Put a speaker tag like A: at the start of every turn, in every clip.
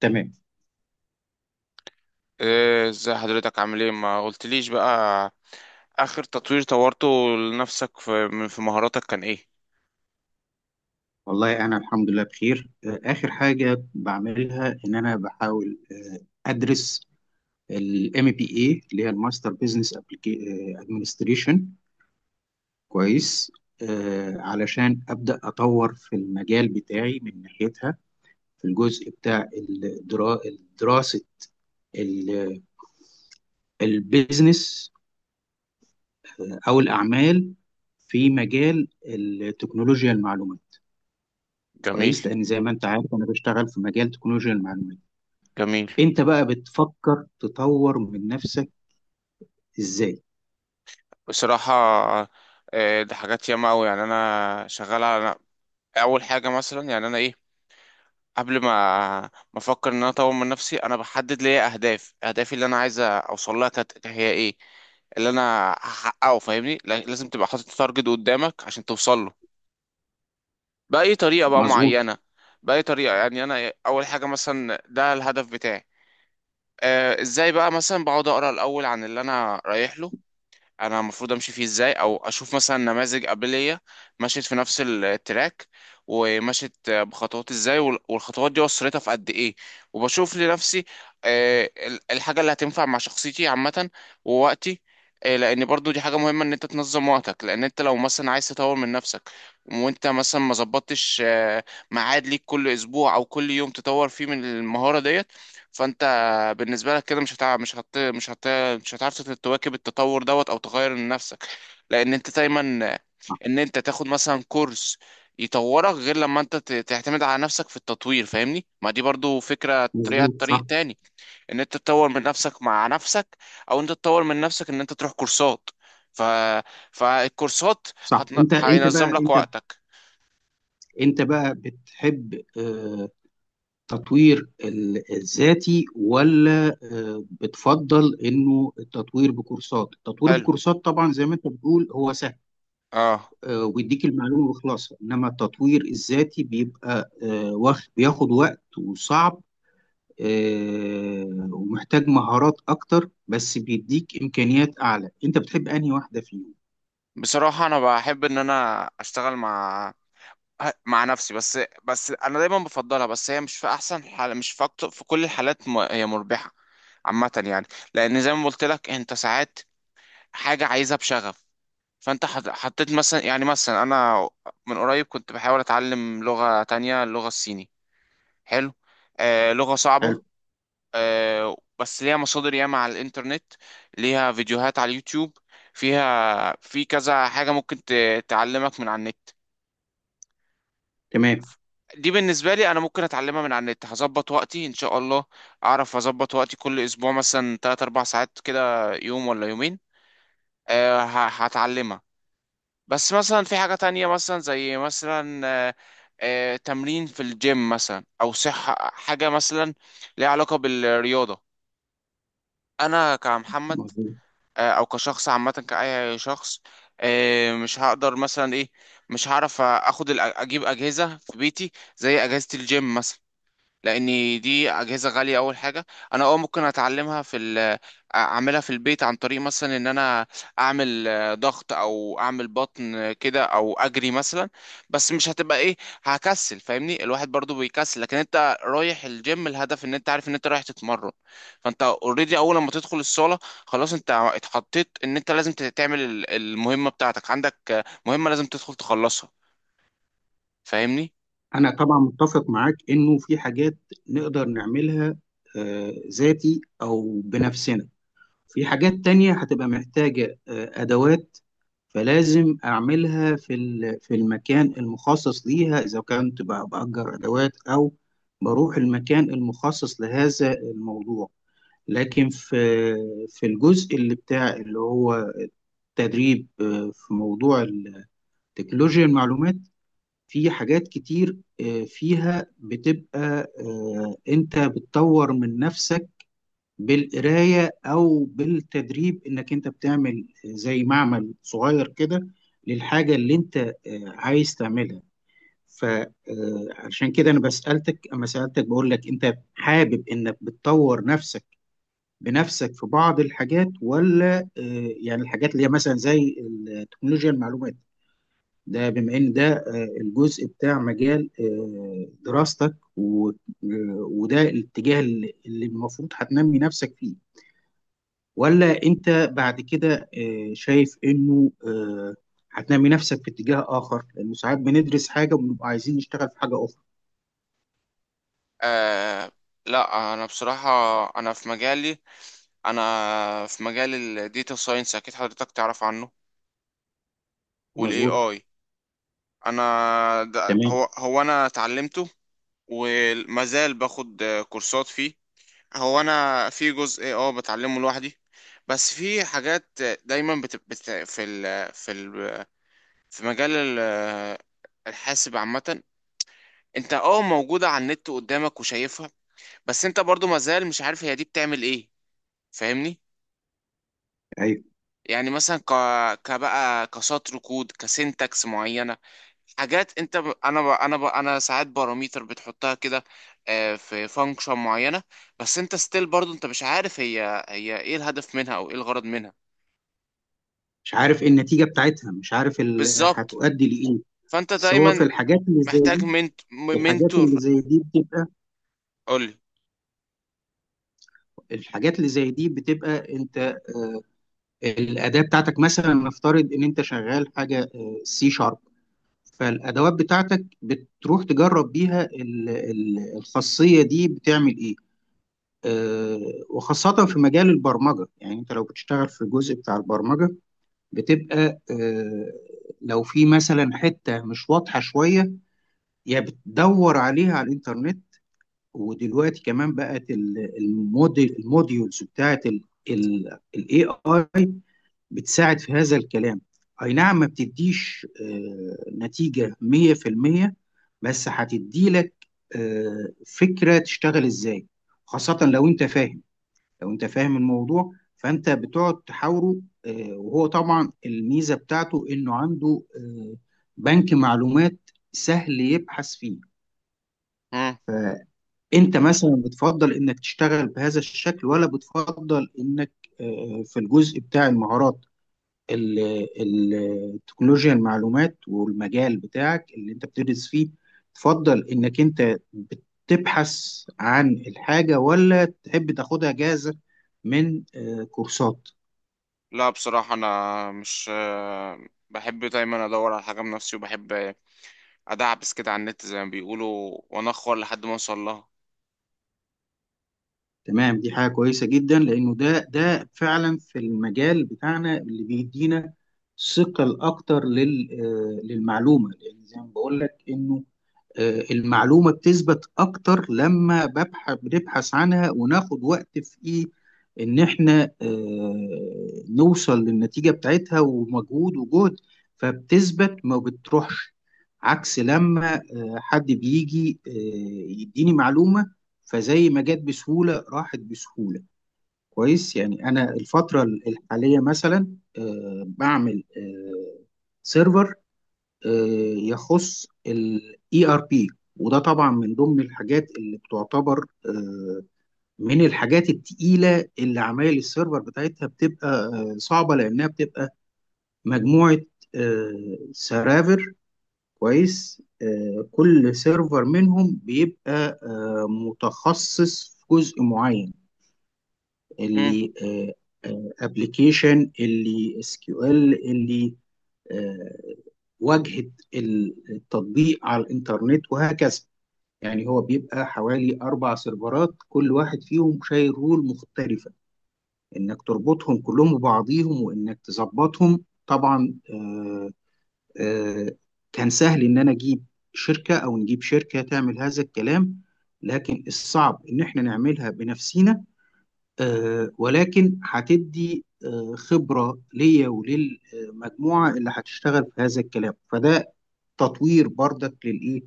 A: تمام.
B: ايه، ازاي حضرتك؟ عامل ايه؟ ما قلتليش بقى اخر تطوير طورته لنفسك في في مهاراتك كان ايه؟
A: والله أنا الحمد لله بخير، آخر حاجة بعملها إن أنا بحاول أدرس ال MBA اللي هي الماستر بزنس ادمنستريشن. كويس، علشان أبدأ أطور في المجال بتاعي من ناحيتها، في الجزء بتاع دراسة البيزنس أو الأعمال في مجال التكنولوجيا المعلومات.
B: جميل،
A: كويس، لأن زي ما أنت عارف أنا بشتغل في مجال تكنولوجيا المعلومات.
B: جميل.
A: انت بقى بتفكر تطور من نفسك ازاي؟
B: بصراحة إيه ده، حاجات ياما اوي، يعني انا شغال على اول حاجة. مثلا يعني انا ايه، قبل ما افكر ان انا اطور من نفسي، انا بحدد ليا اهداف، اهدافي اللي انا عايز اوصل لها كانت هي ايه، اللي انا هحققه. فاهمني، لازم تبقى حاطط تارجت قدامك عشان توصل له بأي طريقة بقى
A: مظبوط،
B: معينة. بأي طريقة يعني، أنا أول حاجة مثلا ده الهدف بتاعي. آه، إزاي بقى؟ مثلا بقعد أقرأ الأول عن اللي أنا رايح له، انا المفروض امشي فيه ازاي، او اشوف مثلا نماذج قبليه مشيت في نفس التراك، ومشيت بخطوات ازاي، والخطوات دي وصلتها في قد ايه، وبشوف لنفسي الحاجه اللي هتنفع مع شخصيتي عامه، ووقتي. لان برضو دي حاجه مهمه ان انت تنظم وقتك، لان انت لو مثلا عايز تطور من نفسك وانت مثلا ما ظبطتش ميعاد ليك كل اسبوع او كل يوم تطور فيه من المهاره ديت، فانت بالنسبه لك كده مش هتعرف تواكب التطور دوت او تغير من نفسك، لان انت دايما
A: صح.
B: ان انت تاخد مثلا كورس يطورك، غير لما انت تعتمد على نفسك في التطوير. فاهمني، ما دي برضو فكرة،
A: مظبوط،
B: طريق
A: صح.
B: تاني ان انت تطور من نفسك مع نفسك، او انت تطور من نفسك ان انت تروح كورسات. ف... فالكورسات
A: صح. انت انت بقى
B: هينظم لك
A: انت
B: وقتك.
A: انت بقى بتحب تطوير الذاتي ولا بتفضل انه التطوير بكورسات؟ التطوير
B: حلو،
A: بكورسات طبعا زي ما انت بتقول هو سهل،
B: اه.
A: ويديك المعلومة وخلاص، انما التطوير الذاتي بيبقى بياخد وقت وصعب، ومحتاج مهارات اكتر، بس بيديك امكانيات اعلى. انت بتحب انهي واحده فيهم؟
B: بصراحة انا بحب ان انا اشتغل مع مع نفسي، بس انا دايما بفضلها، بس هي مش في احسن حال، مش في أكتر في كل الحالات، هي مربحه عامه يعني. لان زي ما قلت لك، انت ساعات حاجه عايزها بشغف. فانت حطيت مثلا، يعني مثلا انا من قريب كنت بحاول اتعلم لغه تانية، اللغه الصيني. حلو، آه لغه صعبه.
A: حلو.
B: آه بس ليها مصادر ياما على الانترنت، ليها فيديوهات على اليوتيوب، فيها في كذا حاجه ممكن تعلمك من على النت.
A: تمام.
B: دي بالنسبة لي أنا ممكن أتعلمها من على النت، هظبط وقتي إن شاء الله أعرف أظبط وقتي، كل أسبوع مثلا 3 4 ساعات كده، يوم ولا يومين أه هتعلمها. بس مثلا في حاجة تانية، مثلا زي مثلا أه، أه تمرين في الجيم مثلا، أو صحة، حاجة مثلا ليها علاقة بالرياضة. أنا كمحمد
A: مظبوط.
B: أه، أو كشخص عامة، كأي شخص أه، مش هقدر مثلا إيه، مش هعرف أخد أجيب أجهزة في بيتي زي أجهزة الجيم مثلا، لان دي اجهزه غاليه اول حاجه. انا اه ممكن اتعلمها اعملها في البيت عن طريق مثلا ان انا اعمل ضغط او اعمل بطن كده، او اجري مثلا، بس مش هتبقى ايه، هكسل. فاهمني الواحد برضو بيكسل، لكن انت رايح الجيم الهدف ان انت عارف ان انت رايح تتمرن، فانت اوريدي اول لما تدخل الصاله خلاص انت اتحطيت ان انت لازم تعمل المهمه بتاعتك، عندك مهمه لازم تدخل تخلصها. فاهمني.
A: انا طبعا متفق معاك انه في حاجات نقدر نعملها ذاتي او بنفسنا، في حاجات تانية هتبقى محتاجة ادوات، فلازم اعملها في المكان المخصص ليها، اذا كنت باجر ادوات او بروح المكان المخصص لهذا الموضوع. لكن في في الجزء اللي بتاع اللي هو تدريب في موضوع التكنولوجيا المعلومات، في حاجات كتير فيها بتبقى انت بتطور من نفسك بالقراية او بالتدريب، انك انت بتعمل زي معمل صغير كده للحاجة اللي انت عايز تعملها. فعشان كده انا بسألتك، اما سألتك بقول لك انت حابب انك بتطور نفسك بنفسك في بعض الحاجات ولا يعني الحاجات اللي هي مثلا زي التكنولوجيا المعلومات، ده بما ان ده الجزء بتاع مجال دراستك وده الاتجاه اللي المفروض هتنمي نفسك فيه، ولا انت بعد كده شايف انه هتنمي نفسك في اتجاه اخر لانه ساعات بندرس حاجه وبنبقى عايزين نشتغل في حاجه اخرى؟
B: آه لا، انا بصراحه انا في مجالي، انا في مجال الديتا ساينس، اكيد حضرتك تعرف عنه والاي
A: مظبوط.
B: اي. انا ده
A: تمام.
B: هو انا اتعلمته، ومازال باخد كورسات فيه. هو انا في جزء اه بتعلمه لوحدي، بس في حاجات دايما في مجال الحاسب عامة، انت اه موجودة على النت قدامك وشايفها، بس انت برضو مازال مش عارف هي دي بتعمل ايه. فاهمني.
A: ايوه.
B: يعني مثلا كبقى كسطر كود كسنتكس معينة، حاجات انت انا انا ساعات باراميتر بتحطها كده في فانكشن معينه، بس انت ستيل برضو انت مش عارف هي ايه الهدف منها او ايه الغرض منها.
A: مش عارف إيه النتيجه بتاعتها، مش عارف
B: بالظبط،
A: هتؤدي لايه،
B: فانت
A: سواء في
B: دايما
A: الحاجات اللي زي
B: محتاج
A: دي. في الحاجات اللي
B: منتور.
A: زي دي بتبقى،
B: قولي.
A: الحاجات اللي زي دي بتبقى انت الاداه بتاعتك. مثلا نفترض ان انت شغال حاجه سي شارب، فالادوات بتاعتك بتروح تجرب بيها الخاصيه دي بتعمل ايه، آه، وخاصه في مجال البرمجه. يعني انت لو بتشتغل في الجزء بتاع البرمجه بتبقى، لو في مثلا حته مش واضحه شويه، يا بتدور عليها على الانترنت، ودلوقتي كمان بقت الموديل الموديولز بتاعت الاي اي بتساعد في هذا الكلام. اي نعم ما بتديش نتيجة 100%، بس هتدي لك فكرة تشتغل ازاي، خاصة لو انت فاهم، لو انت فاهم الموضوع، فانت بتقعد تحاوره، وهو طبعا الميزة بتاعته انه عنده بنك معلومات سهل يبحث فيه.
B: مم.
A: انت مثلا بتفضل انك تشتغل بهذا الشكل، ولا بتفضل انك في الجزء بتاع المهارات ال- ال- التكنولوجيا المعلومات والمجال بتاعك اللي انت بتدرس فيه تفضل انك انت بتبحث عن الحاجة، ولا تحب تاخدها جاهزة من كورسات؟
B: لا بصراحه انا مش بحب دايما ادور على حاجه بنفسي، وبحب ادعبس كده على النت زي ما بيقولوا، وانخر لحد ما اوصل لها.
A: تمام، دي حاجة كويسة جدا، لانه ده فعلا في المجال بتاعنا اللي بيدينا ثقل اكتر للمعلومة. لان زي ما بقول لك انه المعلومة بتثبت أكتر لما بنبحث عنها وناخد وقت في إيه، إن إحنا نوصل للنتيجة بتاعتها ومجهود وجهد، فبتثبت ما بتروحش، عكس لما حد بيجي يديني معلومة، فزي ما جت بسهولة راحت بسهولة. كويس، يعني أنا الفترة الحالية مثلا بعمل سيرفر آه، يخص الاي ار بي، وده طبعا من ضمن الحاجات اللي بتعتبر من الحاجات التقيله، اللي عمايل السيرفر بتاعتها بتبقى صعبه، لانها بتبقى مجموعه سرافر. كويس، كل سيرفر منهم بيبقى متخصص في جزء معين، اللي ابلكيشن، اللي اس كيو ال، اللي واجهه التطبيق على الانترنت، وهكذا. يعني هو بيبقى حوالي اربع سيرفرات كل واحد فيهم شايل رول مختلفه، انك تربطهم كلهم ببعضيهم وانك تظبطهم طبعا. آه، كان سهل ان انا اجيب شركه، او نجيب شركه تعمل هذا الكلام، لكن الصعب ان احنا نعملها بنفسينا، ولكن هتدي خبره ليا وللمجموعه اللي هتشتغل في هذا الكلام، فده تطوير برضك للايه،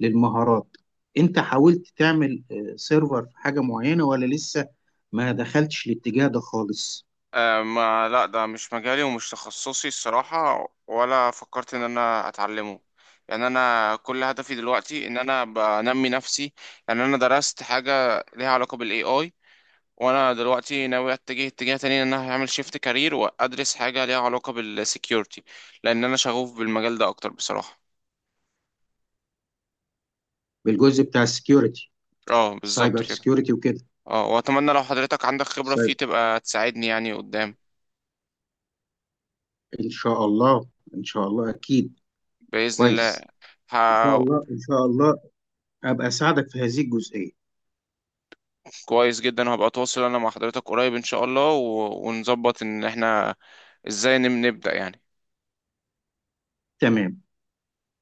A: للمهارات. انت حاولت تعمل سيرفر في حاجه معينه، ولا لسه ما دخلتش الاتجاه ده خالص؟
B: ما لا ده مش مجالي ومش تخصصي الصراحة، ولا فكرت ان انا اتعلمه. يعني انا كل هدفي دلوقتي ان انا بنمي نفسي. يعني انا درست حاجة ليها علاقة بالاي اي، وانا دلوقتي ناوي اتجه اتجاه تاني، ان انا هعمل شيفت كارير وادرس حاجة ليها علاقة بالسكيورتي، لان انا شغوف بالمجال ده اكتر بصراحة.
A: بالجزء بتاع السكيورتي،
B: اه بالظبط
A: سايبر
B: كده.
A: سكيورتي وكده،
B: اه واتمنى لو حضرتك عندك خبرة فيه
A: سايبر.
B: تبقى تساعدني يعني قدام،
A: ان شاء الله، ان شاء الله اكيد.
B: بإذن الله.
A: كويس، ان شاء الله ان شاء الله ابقى اساعدك في هذه الجزئيه.
B: كويس جدا، وهبقى اتواصل انا مع حضرتك قريب ان شاء الله ونظبط ان احنا ازاي نبدأ يعني
A: تمام.